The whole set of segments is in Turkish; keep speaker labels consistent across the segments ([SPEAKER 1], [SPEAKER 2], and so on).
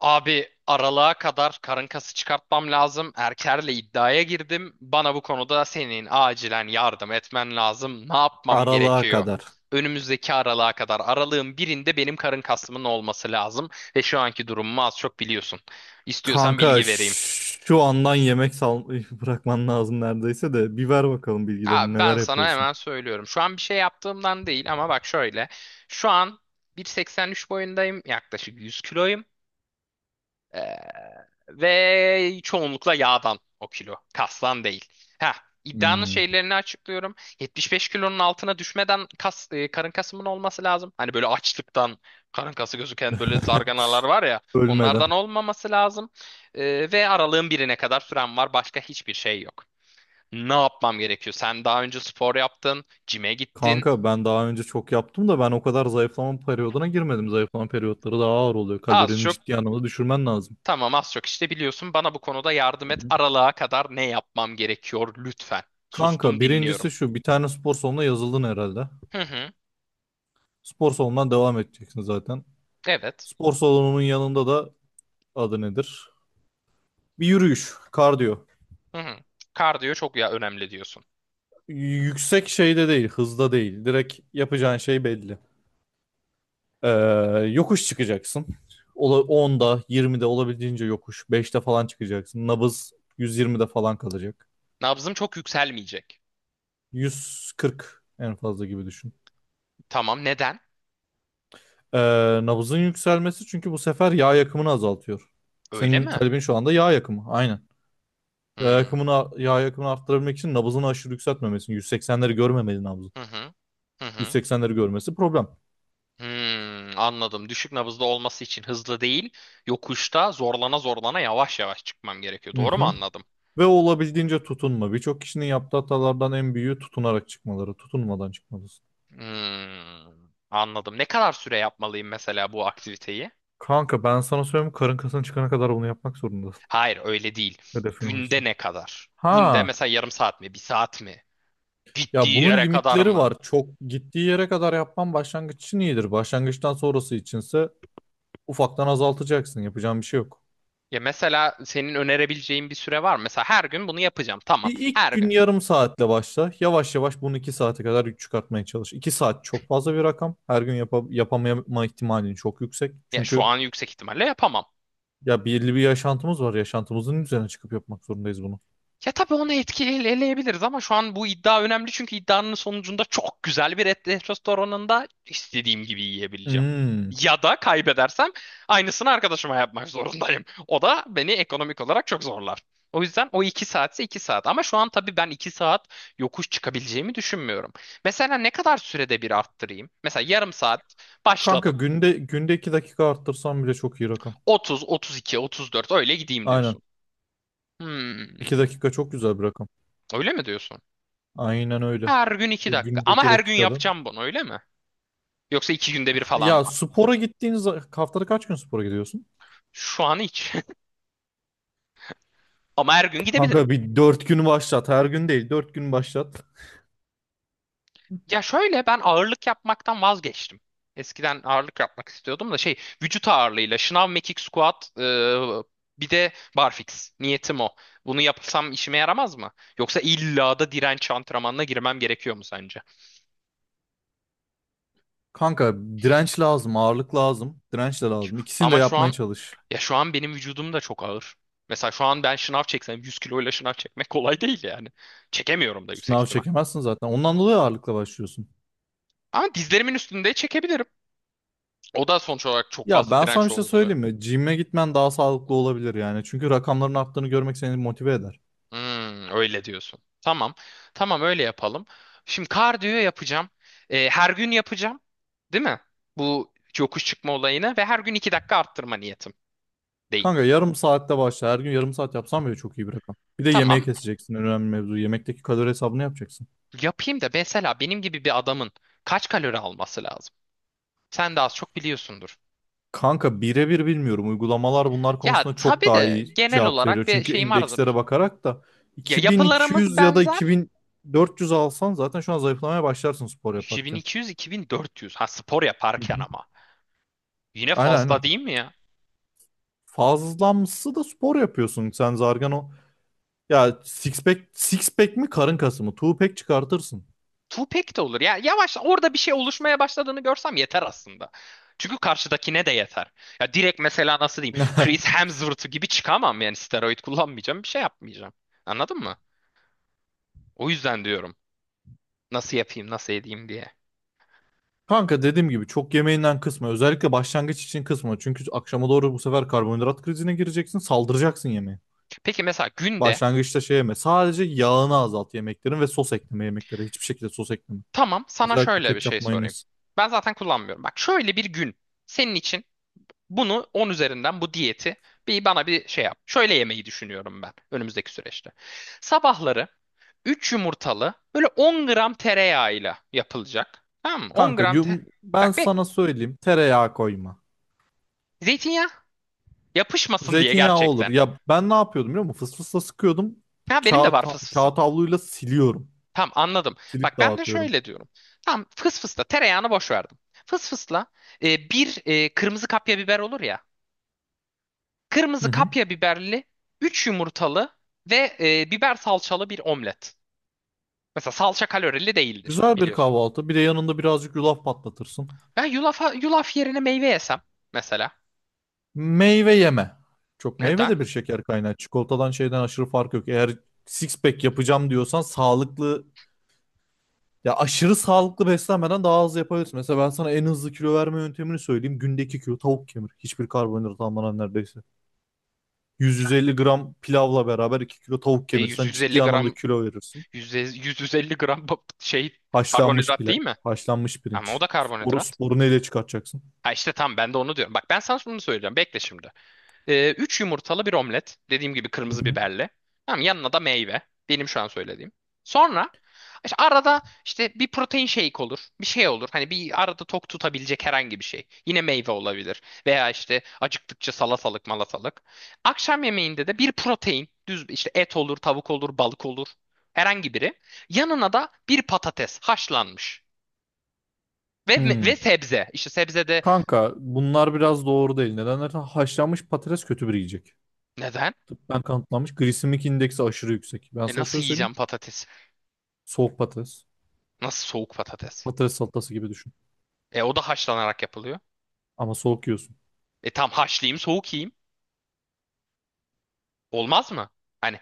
[SPEAKER 1] Abi aralığa kadar karın kası çıkartmam lazım. Erker'le iddiaya girdim. Bana bu konuda senin acilen yardım etmen lazım. Ne yapmam
[SPEAKER 2] Aralığa
[SPEAKER 1] gerekiyor?
[SPEAKER 2] kadar.
[SPEAKER 1] Önümüzdeki aralığa kadar aralığın birinde benim karın kasımın olması lazım. Ve şu anki durumumu az çok biliyorsun. İstiyorsan
[SPEAKER 2] Kanka
[SPEAKER 1] bilgi vereyim.
[SPEAKER 2] şu andan yemek sal bırakman lazım neredeyse de. Bir ver bakalım
[SPEAKER 1] Ha,
[SPEAKER 2] bilgilerini
[SPEAKER 1] ben
[SPEAKER 2] neler
[SPEAKER 1] sana
[SPEAKER 2] yapıyorsun.
[SPEAKER 1] hemen söylüyorum. Şu an bir şey yaptığımdan değil ama bak şöyle. Şu an 1,83 boyundayım. Yaklaşık 100 kiloyum. Ee, ve çoğunlukla yağdan o kilo. Kastan değil. Ha, iddianın
[SPEAKER 2] Hmm.
[SPEAKER 1] şeylerini açıklıyorum. 75 kilonun altına düşmeden karın kasımın olması lazım. Hani böyle açlıktan karın kası gözüken böyle zarganalar var ya. Onlardan
[SPEAKER 2] Ölmeden.
[SPEAKER 1] olmaması lazım. Ve aralığın birine kadar süren var. Başka hiçbir şey yok. Ne yapmam gerekiyor? Sen daha önce spor yaptın, cime gittin.
[SPEAKER 2] Kanka ben daha önce çok yaptım da ben o kadar zayıflama periyoduna girmedim. Zayıflama periyotları daha ağır oluyor.
[SPEAKER 1] Az
[SPEAKER 2] Kalorini
[SPEAKER 1] çok
[SPEAKER 2] ciddi anlamda düşürmen lazım.
[SPEAKER 1] Tamam, az çok işte biliyorsun, bana bu konuda yardım
[SPEAKER 2] Hı
[SPEAKER 1] et.
[SPEAKER 2] hı.
[SPEAKER 1] Aralığa kadar ne yapmam gerekiyor lütfen. Sustum,
[SPEAKER 2] Kanka
[SPEAKER 1] dinliyorum.
[SPEAKER 2] birincisi şu bir tane spor salonuna yazıldın herhalde.
[SPEAKER 1] Hı hı.
[SPEAKER 2] Spor salonundan devam edeceksin zaten.
[SPEAKER 1] Evet.
[SPEAKER 2] Spor salonunun yanında da adı nedir? Bir yürüyüş, kardiyo.
[SPEAKER 1] Hı hı. Kardiyo çok ya önemli diyorsun.
[SPEAKER 2] Yüksek şeyde değil, hızda değil. Direkt yapacağın şey belli. Ee, Yokuş çıkacaksın. 10'da, 20'de olabildiğince yokuş. 5'te falan çıkacaksın. Nabız 120'de falan kalacak.
[SPEAKER 1] Nabzım çok yükselmeyecek.
[SPEAKER 2] 140 en fazla gibi düşün.
[SPEAKER 1] Tamam, neden?
[SPEAKER 2] Ee, nabızın yükselmesi çünkü bu sefer yağ yakımını azaltıyor.
[SPEAKER 1] Öyle
[SPEAKER 2] Senin
[SPEAKER 1] mi?
[SPEAKER 2] talebin şu anda yağ yakımı. Aynen. Yağ
[SPEAKER 1] Hmm.
[SPEAKER 2] yakımını, yağ yakımını arttırabilmek için nabızını aşırı yükseltmemesin. 180'leri görmemeli nabzı.
[SPEAKER 1] Hı hı. Hı hı.
[SPEAKER 2] 180'leri görmesi problem.
[SPEAKER 1] Hmm, anladım. Düşük nabızda olması için hızlı değil, yokuşta zorlana zorlana yavaş yavaş çıkmam gerekiyor. Doğru mu
[SPEAKER 2] Mhm.
[SPEAKER 1] anladım?
[SPEAKER 2] Ve olabildiğince tutunma. Birçok kişinin yaptığı hatalardan en büyüğü tutunarak çıkmaları. Tutunmadan çıkmalısın.
[SPEAKER 1] Hmm, anladım. Ne kadar süre yapmalıyım mesela bu aktiviteyi?
[SPEAKER 2] Kanka ben sana söyleyeyim karın kasına çıkana kadar bunu yapmak zorundasın.
[SPEAKER 1] Hayır, öyle değil.
[SPEAKER 2] Hedefin oysa.
[SPEAKER 1] Günde ne kadar? Günde
[SPEAKER 2] Ha
[SPEAKER 1] mesela yarım saat mi, bir saat mi?
[SPEAKER 2] ya
[SPEAKER 1] Gittiği
[SPEAKER 2] bunun
[SPEAKER 1] yere kadar
[SPEAKER 2] limitleri
[SPEAKER 1] mı?
[SPEAKER 2] var. Çok gittiği yere kadar yapman başlangıç için iyidir. Başlangıçtan sonrası içinse ufaktan azaltacaksın. Yapacağın bir şey yok.
[SPEAKER 1] Ya mesela senin önerebileceğin bir süre var mı? Mesela her gün bunu yapacağım. Tamam.
[SPEAKER 2] Bir ilk
[SPEAKER 1] Her gün.
[SPEAKER 2] gün yarım saatle başla. Yavaş yavaş bunu iki saate kadar çıkartmaya çalış. İki saat çok fazla bir rakam. Her gün yapamama ihtimalin çok yüksek.
[SPEAKER 1] Ya şu
[SPEAKER 2] Çünkü
[SPEAKER 1] an yüksek ihtimalle yapamam.
[SPEAKER 2] ya belli bir yaşantımız var. Yaşantımızın üzerine çıkıp yapmak zorundayız bunu.
[SPEAKER 1] Ya tabii onu etkileyebiliriz, eleyebiliriz ama şu an bu iddia önemli çünkü iddianın sonucunda çok güzel bir et restoranında istediğim gibi yiyebileceğim.
[SPEAKER 2] Hmm.
[SPEAKER 1] Ya da kaybedersem aynısını arkadaşıma yapmak zorundayım. O da beni ekonomik olarak çok zorlar. O yüzden o iki saatse iki saat. Ama şu an tabii ben iki saat yokuş çıkabileceğimi düşünmüyorum. Mesela ne kadar sürede bir arttırayım? Mesela yarım saat
[SPEAKER 2] Kanka
[SPEAKER 1] başladım.
[SPEAKER 2] günde 2 dakika arttırsam bile çok iyi rakam.
[SPEAKER 1] 30, 32, 34 öyle gideyim
[SPEAKER 2] Aynen.
[SPEAKER 1] diyorsun. Hmm,
[SPEAKER 2] 2 dakika çok güzel bir rakam.
[SPEAKER 1] öyle mi diyorsun?
[SPEAKER 2] Aynen öyle.
[SPEAKER 1] Her gün iki
[SPEAKER 2] E,
[SPEAKER 1] dakika.
[SPEAKER 2] günde
[SPEAKER 1] Ama
[SPEAKER 2] 2
[SPEAKER 1] her gün
[SPEAKER 2] dakikadan.
[SPEAKER 1] yapacağım bunu, öyle mi? Yoksa iki günde bir falan mı?
[SPEAKER 2] Ya spora gittiğiniz haftada kaç gün spora gidiyorsun?
[SPEAKER 1] Şu an hiç. Ama her gün gidebilirim.
[SPEAKER 2] Kanka bir 4 günü başlat. Her gün değil. Dört gün başlat.
[SPEAKER 1] Ya şöyle, ben ağırlık yapmaktan vazgeçtim. Eskiden ağırlık yapmak istiyordum da şey, vücut ağırlığıyla şınav, mekik, squat, bir de barfix. Niyetim o. Bunu yapsam işime yaramaz mı? Yoksa illa da direnç antrenmanına girmem gerekiyor mu sence?
[SPEAKER 2] Kanka direnç lazım, ağırlık lazım, direnç de lazım. İkisini de
[SPEAKER 1] Ama şu
[SPEAKER 2] yapmaya
[SPEAKER 1] an
[SPEAKER 2] çalış.
[SPEAKER 1] ya şu an benim vücudum da çok ağır. Mesela şu an ben şınav çeksem 100 kiloyla şınav çekmek kolay değil yani. Çekemiyorum da yüksek
[SPEAKER 2] Sınav
[SPEAKER 1] ihtimal.
[SPEAKER 2] çekemezsin zaten. Ondan dolayı ağırlıkla başlıyorsun.
[SPEAKER 1] Ama dizlerimin üstünde çekebilirim. O da sonuç olarak çok
[SPEAKER 2] Ya
[SPEAKER 1] fazla
[SPEAKER 2] ben sana
[SPEAKER 1] direnç
[SPEAKER 2] bir şey
[SPEAKER 1] uyguluyor.
[SPEAKER 2] söyleyeyim mi? Gym'e gitmen daha sağlıklı olabilir yani. Çünkü rakamların arttığını görmek seni motive eder.
[SPEAKER 1] Hmm, öyle diyorsun. Tamam. Tamam, öyle yapalım. Şimdi kardiyo yapacağım. Her gün yapacağım. Değil mi? Bu yokuş çıkma olayını ve her gün 2 dakika arttırma niyetim değil.
[SPEAKER 2] Kanka yarım saatte başla. Her gün yarım saat yapsan bile çok iyi bir rakam. Bir de yemeği
[SPEAKER 1] Tamam.
[SPEAKER 2] keseceksin. En önemli mevzu. Yemekteki kalori hesabını yapacaksın.
[SPEAKER 1] Yapayım da mesela benim gibi bir adamın kaç kalori alması lazım? Sen de az çok biliyorsundur.
[SPEAKER 2] Kanka birebir bilmiyorum. Uygulamalar bunlar
[SPEAKER 1] Ya
[SPEAKER 2] konusunda çok
[SPEAKER 1] tabii
[SPEAKER 2] daha
[SPEAKER 1] de
[SPEAKER 2] iyi
[SPEAKER 1] genel
[SPEAKER 2] cevap
[SPEAKER 1] olarak
[SPEAKER 2] veriyor.
[SPEAKER 1] bir
[SPEAKER 2] Çünkü
[SPEAKER 1] şeyim
[SPEAKER 2] indekslere
[SPEAKER 1] vardır.
[SPEAKER 2] bakarak da
[SPEAKER 1] Ya yapılarımız
[SPEAKER 2] 2200 ya da
[SPEAKER 1] benzer.
[SPEAKER 2] 2400 alsan zaten şu an zayıflamaya başlarsın spor yaparken.
[SPEAKER 1] 2200-2400. Ha, spor
[SPEAKER 2] Hı
[SPEAKER 1] yaparken
[SPEAKER 2] hı.
[SPEAKER 1] ama. Yine
[SPEAKER 2] Aynen
[SPEAKER 1] fazla
[SPEAKER 2] aynen.
[SPEAKER 1] değil mi ya?
[SPEAKER 2] Fazlamsı da spor yapıyorsun. Sen zargan o. Ya six pack mi karın kası mı? Two pack çıkartırsın.
[SPEAKER 1] Tupac de olur. Ya yavaş, orada bir şey oluşmaya başladığını görsem yeter aslında. Çünkü karşıdakine de yeter. Ya direkt mesela nasıl diyeyim? Chris Hemsworth gibi çıkamam yani, steroid kullanmayacağım, bir şey yapmayacağım. Anladın mı? O yüzden diyorum. Nasıl yapayım, nasıl edeyim diye.
[SPEAKER 2] Kanka dediğim gibi çok yemeğinden kısma. Özellikle başlangıç için kısma. Çünkü akşama doğru bu sefer karbonhidrat krizine gireceksin. Saldıracaksın yemeğe.
[SPEAKER 1] Peki mesela günde
[SPEAKER 2] Başlangıçta şey yeme. Sadece yağını azalt yemeklerin ve sos ekleme yemeklere. Hiçbir şekilde sos ekleme.
[SPEAKER 1] Tamam, sana
[SPEAKER 2] Özellikle
[SPEAKER 1] şöyle bir
[SPEAKER 2] ketçap
[SPEAKER 1] şey sorayım.
[SPEAKER 2] mayonez.
[SPEAKER 1] Ben zaten kullanmıyorum. Bak, şöyle bir gün, senin için bunu 10 üzerinden bu diyeti bir bana bir şey yap. Şöyle yemeyi düşünüyorum ben önümüzdeki süreçte. Sabahları 3 yumurtalı böyle 10 gram tereyağıyla yapılacak. Tamam mı? 10
[SPEAKER 2] Kanka
[SPEAKER 1] gram
[SPEAKER 2] ben
[SPEAKER 1] Bak,
[SPEAKER 2] sana söyleyeyim. Tereyağı koyma.
[SPEAKER 1] zeytinyağı yapışmasın diye
[SPEAKER 2] Zeytinyağı olur.
[SPEAKER 1] gerçekten.
[SPEAKER 2] Ya ben ne yapıyordum biliyor musun? Fıs fısla sıkıyordum.
[SPEAKER 1] Ha, benim de
[SPEAKER 2] Kağıt,
[SPEAKER 1] var fıs fısım.
[SPEAKER 2] kağıt havluyla siliyorum.
[SPEAKER 1] Tamam, anladım. Bak,
[SPEAKER 2] Silip
[SPEAKER 1] ben de
[SPEAKER 2] dağıtıyorum.
[SPEAKER 1] şöyle diyorum. Tamam, fıs fısla tereyağını boş verdim. Fıs fısla bir kırmızı kapya biber olur ya.
[SPEAKER 2] Hı
[SPEAKER 1] Kırmızı
[SPEAKER 2] hı.
[SPEAKER 1] kapya biberli 3 yumurtalı ve biber salçalı bir omlet. Mesela salça kalorili değildir
[SPEAKER 2] Güzel bir
[SPEAKER 1] biliyorsun.
[SPEAKER 2] kahvaltı. Bir de yanında birazcık yulaf patlatırsın.
[SPEAKER 1] Yulaf yerine meyve yesem mesela.
[SPEAKER 2] Meyve yeme. Çok meyve
[SPEAKER 1] Neden?
[SPEAKER 2] de bir şeker kaynağı. Çikolatadan şeyden aşırı fark yok. Eğer six pack yapacağım diyorsan sağlıklı ya aşırı sağlıklı beslenmeden daha hızlı yapabilirsin. Mesela ben sana en hızlı kilo verme yöntemini söyleyeyim. Günde 2 kilo tavuk kemir. Hiçbir karbonhidrat almadan neredeyse. 100-150 gram pilavla beraber 2 kilo tavuk
[SPEAKER 1] E
[SPEAKER 2] kemirsen
[SPEAKER 1] 100-150
[SPEAKER 2] ciddi anlamda
[SPEAKER 1] gram
[SPEAKER 2] kilo verirsin.
[SPEAKER 1] 100-150 gram şey,
[SPEAKER 2] Haşlanmış
[SPEAKER 1] karbonhidrat
[SPEAKER 2] pilav,
[SPEAKER 1] değil mi?
[SPEAKER 2] haşlanmış
[SPEAKER 1] Ama o
[SPEAKER 2] pirinç.
[SPEAKER 1] da
[SPEAKER 2] Sporu,
[SPEAKER 1] karbonhidrat.
[SPEAKER 2] sporu neyle çıkartacaksın?
[SPEAKER 1] Ha işte, tam ben de onu diyorum. Bak, ben sana şunu söyleyeceğim. Bekle şimdi. 3 yumurtalı bir omlet. Dediğim gibi
[SPEAKER 2] Hı
[SPEAKER 1] kırmızı
[SPEAKER 2] hı.
[SPEAKER 1] biberli. Tamam, yanına da meyve. Benim şu an söylediğim. Sonra işte arada işte bir protein shake olur. Bir şey olur. Hani bir arada tok tutabilecek herhangi bir şey. Yine meyve olabilir. Veya işte acıktıkça salatalık malatalık. Akşam yemeğinde de bir protein. Düz işte, et olur, tavuk olur, balık olur. Herhangi biri. Yanına da bir patates haşlanmış. Ve,
[SPEAKER 2] Hmm.
[SPEAKER 1] ve sebze. İşte sebze de
[SPEAKER 2] Kanka bunlar biraz doğru değil. Neden dersen haşlanmış patates kötü bir yiyecek.
[SPEAKER 1] neden?
[SPEAKER 2] Tıbben kanıtlanmış. Glisemik indeksi aşırı yüksek. Ben sana
[SPEAKER 1] Nasıl
[SPEAKER 2] şöyle söyleyeyim.
[SPEAKER 1] yiyeceğim patates?
[SPEAKER 2] Soğuk patates.
[SPEAKER 1] Nasıl soğuk patates?
[SPEAKER 2] Patates salatası gibi düşün.
[SPEAKER 1] O da haşlanarak yapılıyor.
[SPEAKER 2] Ama soğuk yiyorsun.
[SPEAKER 1] Tam haşlayayım, soğuk yiyeyim. Olmaz mı? Hani,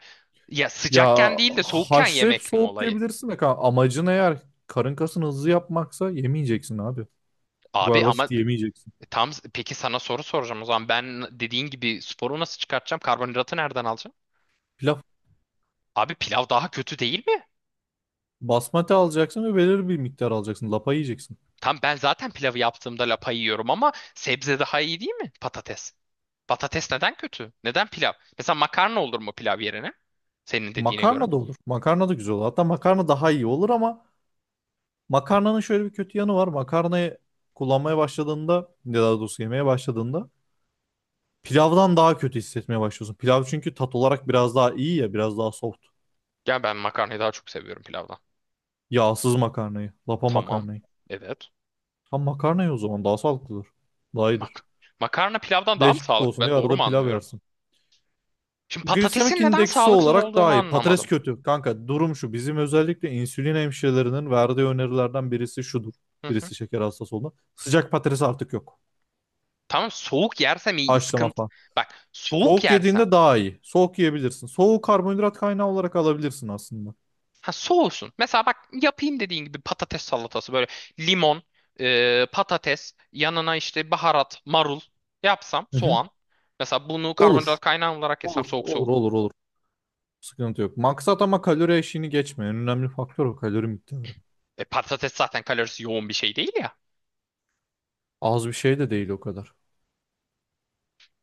[SPEAKER 1] ya
[SPEAKER 2] Ya
[SPEAKER 1] sıcakken değil de soğukken
[SPEAKER 2] haşlayıp
[SPEAKER 1] yemek mi
[SPEAKER 2] soğuk
[SPEAKER 1] olayı?
[SPEAKER 2] yiyebilirsin de kanka. Amacın eğer karın kasını hızlı yapmaksa yemeyeceksin abi. Bu kadar
[SPEAKER 1] Abi ama
[SPEAKER 2] basit yemeyeceksin.
[SPEAKER 1] peki, sana soru soracağım o zaman. Ben dediğin gibi sporu nasıl çıkartacağım? Karbonhidratı nereden alacağım?
[SPEAKER 2] Pilav
[SPEAKER 1] Abi, pilav daha kötü değil mi?
[SPEAKER 2] basmati alacaksın ve belirli bir miktar alacaksın. Lapa yiyeceksin.
[SPEAKER 1] Tam, ben zaten pilavı yaptığımda lapa yiyorum ama sebze daha iyi değil mi? Patates. Patates neden kötü? Neden pilav? Mesela makarna olur mu pilav yerine? Senin dediğine göre.
[SPEAKER 2] Makarna da olur. Makarna da güzel olur. Hatta makarna daha iyi olur ama makarnanın şöyle bir kötü yanı var. Makarnayı kullanmaya başladığında ya daha doğrusu yemeye başladığında pilavdan daha kötü hissetmeye başlıyorsun. Pilav çünkü tat olarak biraz daha iyi ya, biraz daha soft.
[SPEAKER 1] Ya ben makarnayı daha çok seviyorum pilavdan.
[SPEAKER 2] Yağsız makarnayı, lapa
[SPEAKER 1] Tamam.
[SPEAKER 2] makarnayı.
[SPEAKER 1] Evet.
[SPEAKER 2] Tam makarnayı o zaman daha sağlıklıdır. Daha iyidir.
[SPEAKER 1] Mak Makarna pilavdan daha mı
[SPEAKER 2] Değişiklik
[SPEAKER 1] sağlıklı?
[SPEAKER 2] olsun
[SPEAKER 1] Ben
[SPEAKER 2] diye
[SPEAKER 1] doğru mu
[SPEAKER 2] arada pilav
[SPEAKER 1] anlıyorum?
[SPEAKER 2] yersin.
[SPEAKER 1] Şimdi patatesin
[SPEAKER 2] Glisemik
[SPEAKER 1] neden
[SPEAKER 2] indeksi
[SPEAKER 1] sağlıksız
[SPEAKER 2] olarak
[SPEAKER 1] olduğunu
[SPEAKER 2] daha iyi. Patates
[SPEAKER 1] anlamadım.
[SPEAKER 2] kötü. Kanka durum şu. Bizim özellikle insülin hemşirelerinin verdiği önerilerden birisi şudur.
[SPEAKER 1] Hı hı.
[SPEAKER 2] Birisi şeker hastası olan. Sıcak patates artık yok.
[SPEAKER 1] Tamam, soğuk yersem iyi,
[SPEAKER 2] Haşlama
[SPEAKER 1] sıkıntı.
[SPEAKER 2] falan.
[SPEAKER 1] Bak, soğuk
[SPEAKER 2] Soğuk
[SPEAKER 1] yersem.
[SPEAKER 2] yediğinde daha iyi. Soğuk yiyebilirsin. Soğuğu karbonhidrat kaynağı olarak alabilirsin aslında.
[SPEAKER 1] Ha, soğusun. Mesela bak, yapayım dediğin gibi patates salatası böyle, limon, patates, yanına işte baharat, marul yapsam,
[SPEAKER 2] Hı hı.
[SPEAKER 1] soğan. Mesela bunu
[SPEAKER 2] Olur.
[SPEAKER 1] karbonhidrat kaynağı olarak yesem
[SPEAKER 2] Olur,
[SPEAKER 1] soğuk
[SPEAKER 2] olur,
[SPEAKER 1] soğuk.
[SPEAKER 2] olur, olur. Sıkıntı yok. Maksat ama kalori eşiğini geçme. En önemli faktör o kalori miktarı.
[SPEAKER 1] Patates zaten kalorisi yoğun bir şey değil ya.
[SPEAKER 2] Az bir şey de değil o kadar.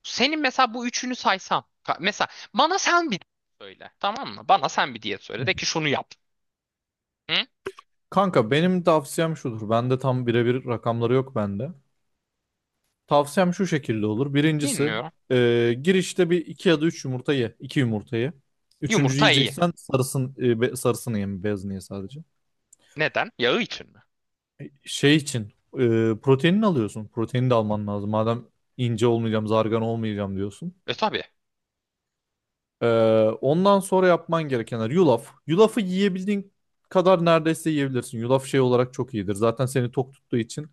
[SPEAKER 1] Senin mesela bu üçünü saysam. Mesela bana sen bir söyle. Tamam mı? Bana sen bir diyet söyle.
[SPEAKER 2] Hı.
[SPEAKER 1] De ki şunu yap. Hı?
[SPEAKER 2] Kanka benim tavsiyem şudur. Bende tam birebir rakamları yok bende. Tavsiyem şu şekilde olur. Birincisi
[SPEAKER 1] Dinliyorum.
[SPEAKER 2] girişte bir iki ya da üç yumurta ye. İki yumurta ye. Üçüncü
[SPEAKER 1] Yumurta iyi.
[SPEAKER 2] yiyeceksen sarısın, sarısını ye, beyazını ye sadece.
[SPEAKER 1] Neden? Yağı için mi?
[SPEAKER 2] Şey için e, proteinini alıyorsun. Protein de alman lazım. Madem ince olmayacağım, zargan olmayacağım diyorsun.
[SPEAKER 1] E tabii.
[SPEAKER 2] Ee, ondan sonra yapman gerekenler yulaf. Yulafı yiyebildiğin kadar neredeyse yiyebilirsin. Yulaf şey olarak çok iyidir. Zaten seni tok tuttuğu için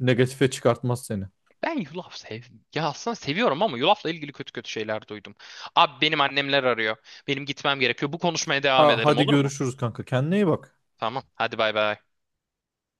[SPEAKER 2] negatife çıkartmaz seni.
[SPEAKER 1] Ben yulaf sev. Ya aslında seviyorum ama yulafla ilgili kötü kötü şeyler duydum. Abi, benim annemler arıyor. Benim gitmem gerekiyor. Bu konuşmaya devam
[SPEAKER 2] Ha,
[SPEAKER 1] edelim,
[SPEAKER 2] hadi
[SPEAKER 1] olur mu?
[SPEAKER 2] görüşürüz kanka. Kendine iyi bak.
[SPEAKER 1] Tamam. Hadi bay bay.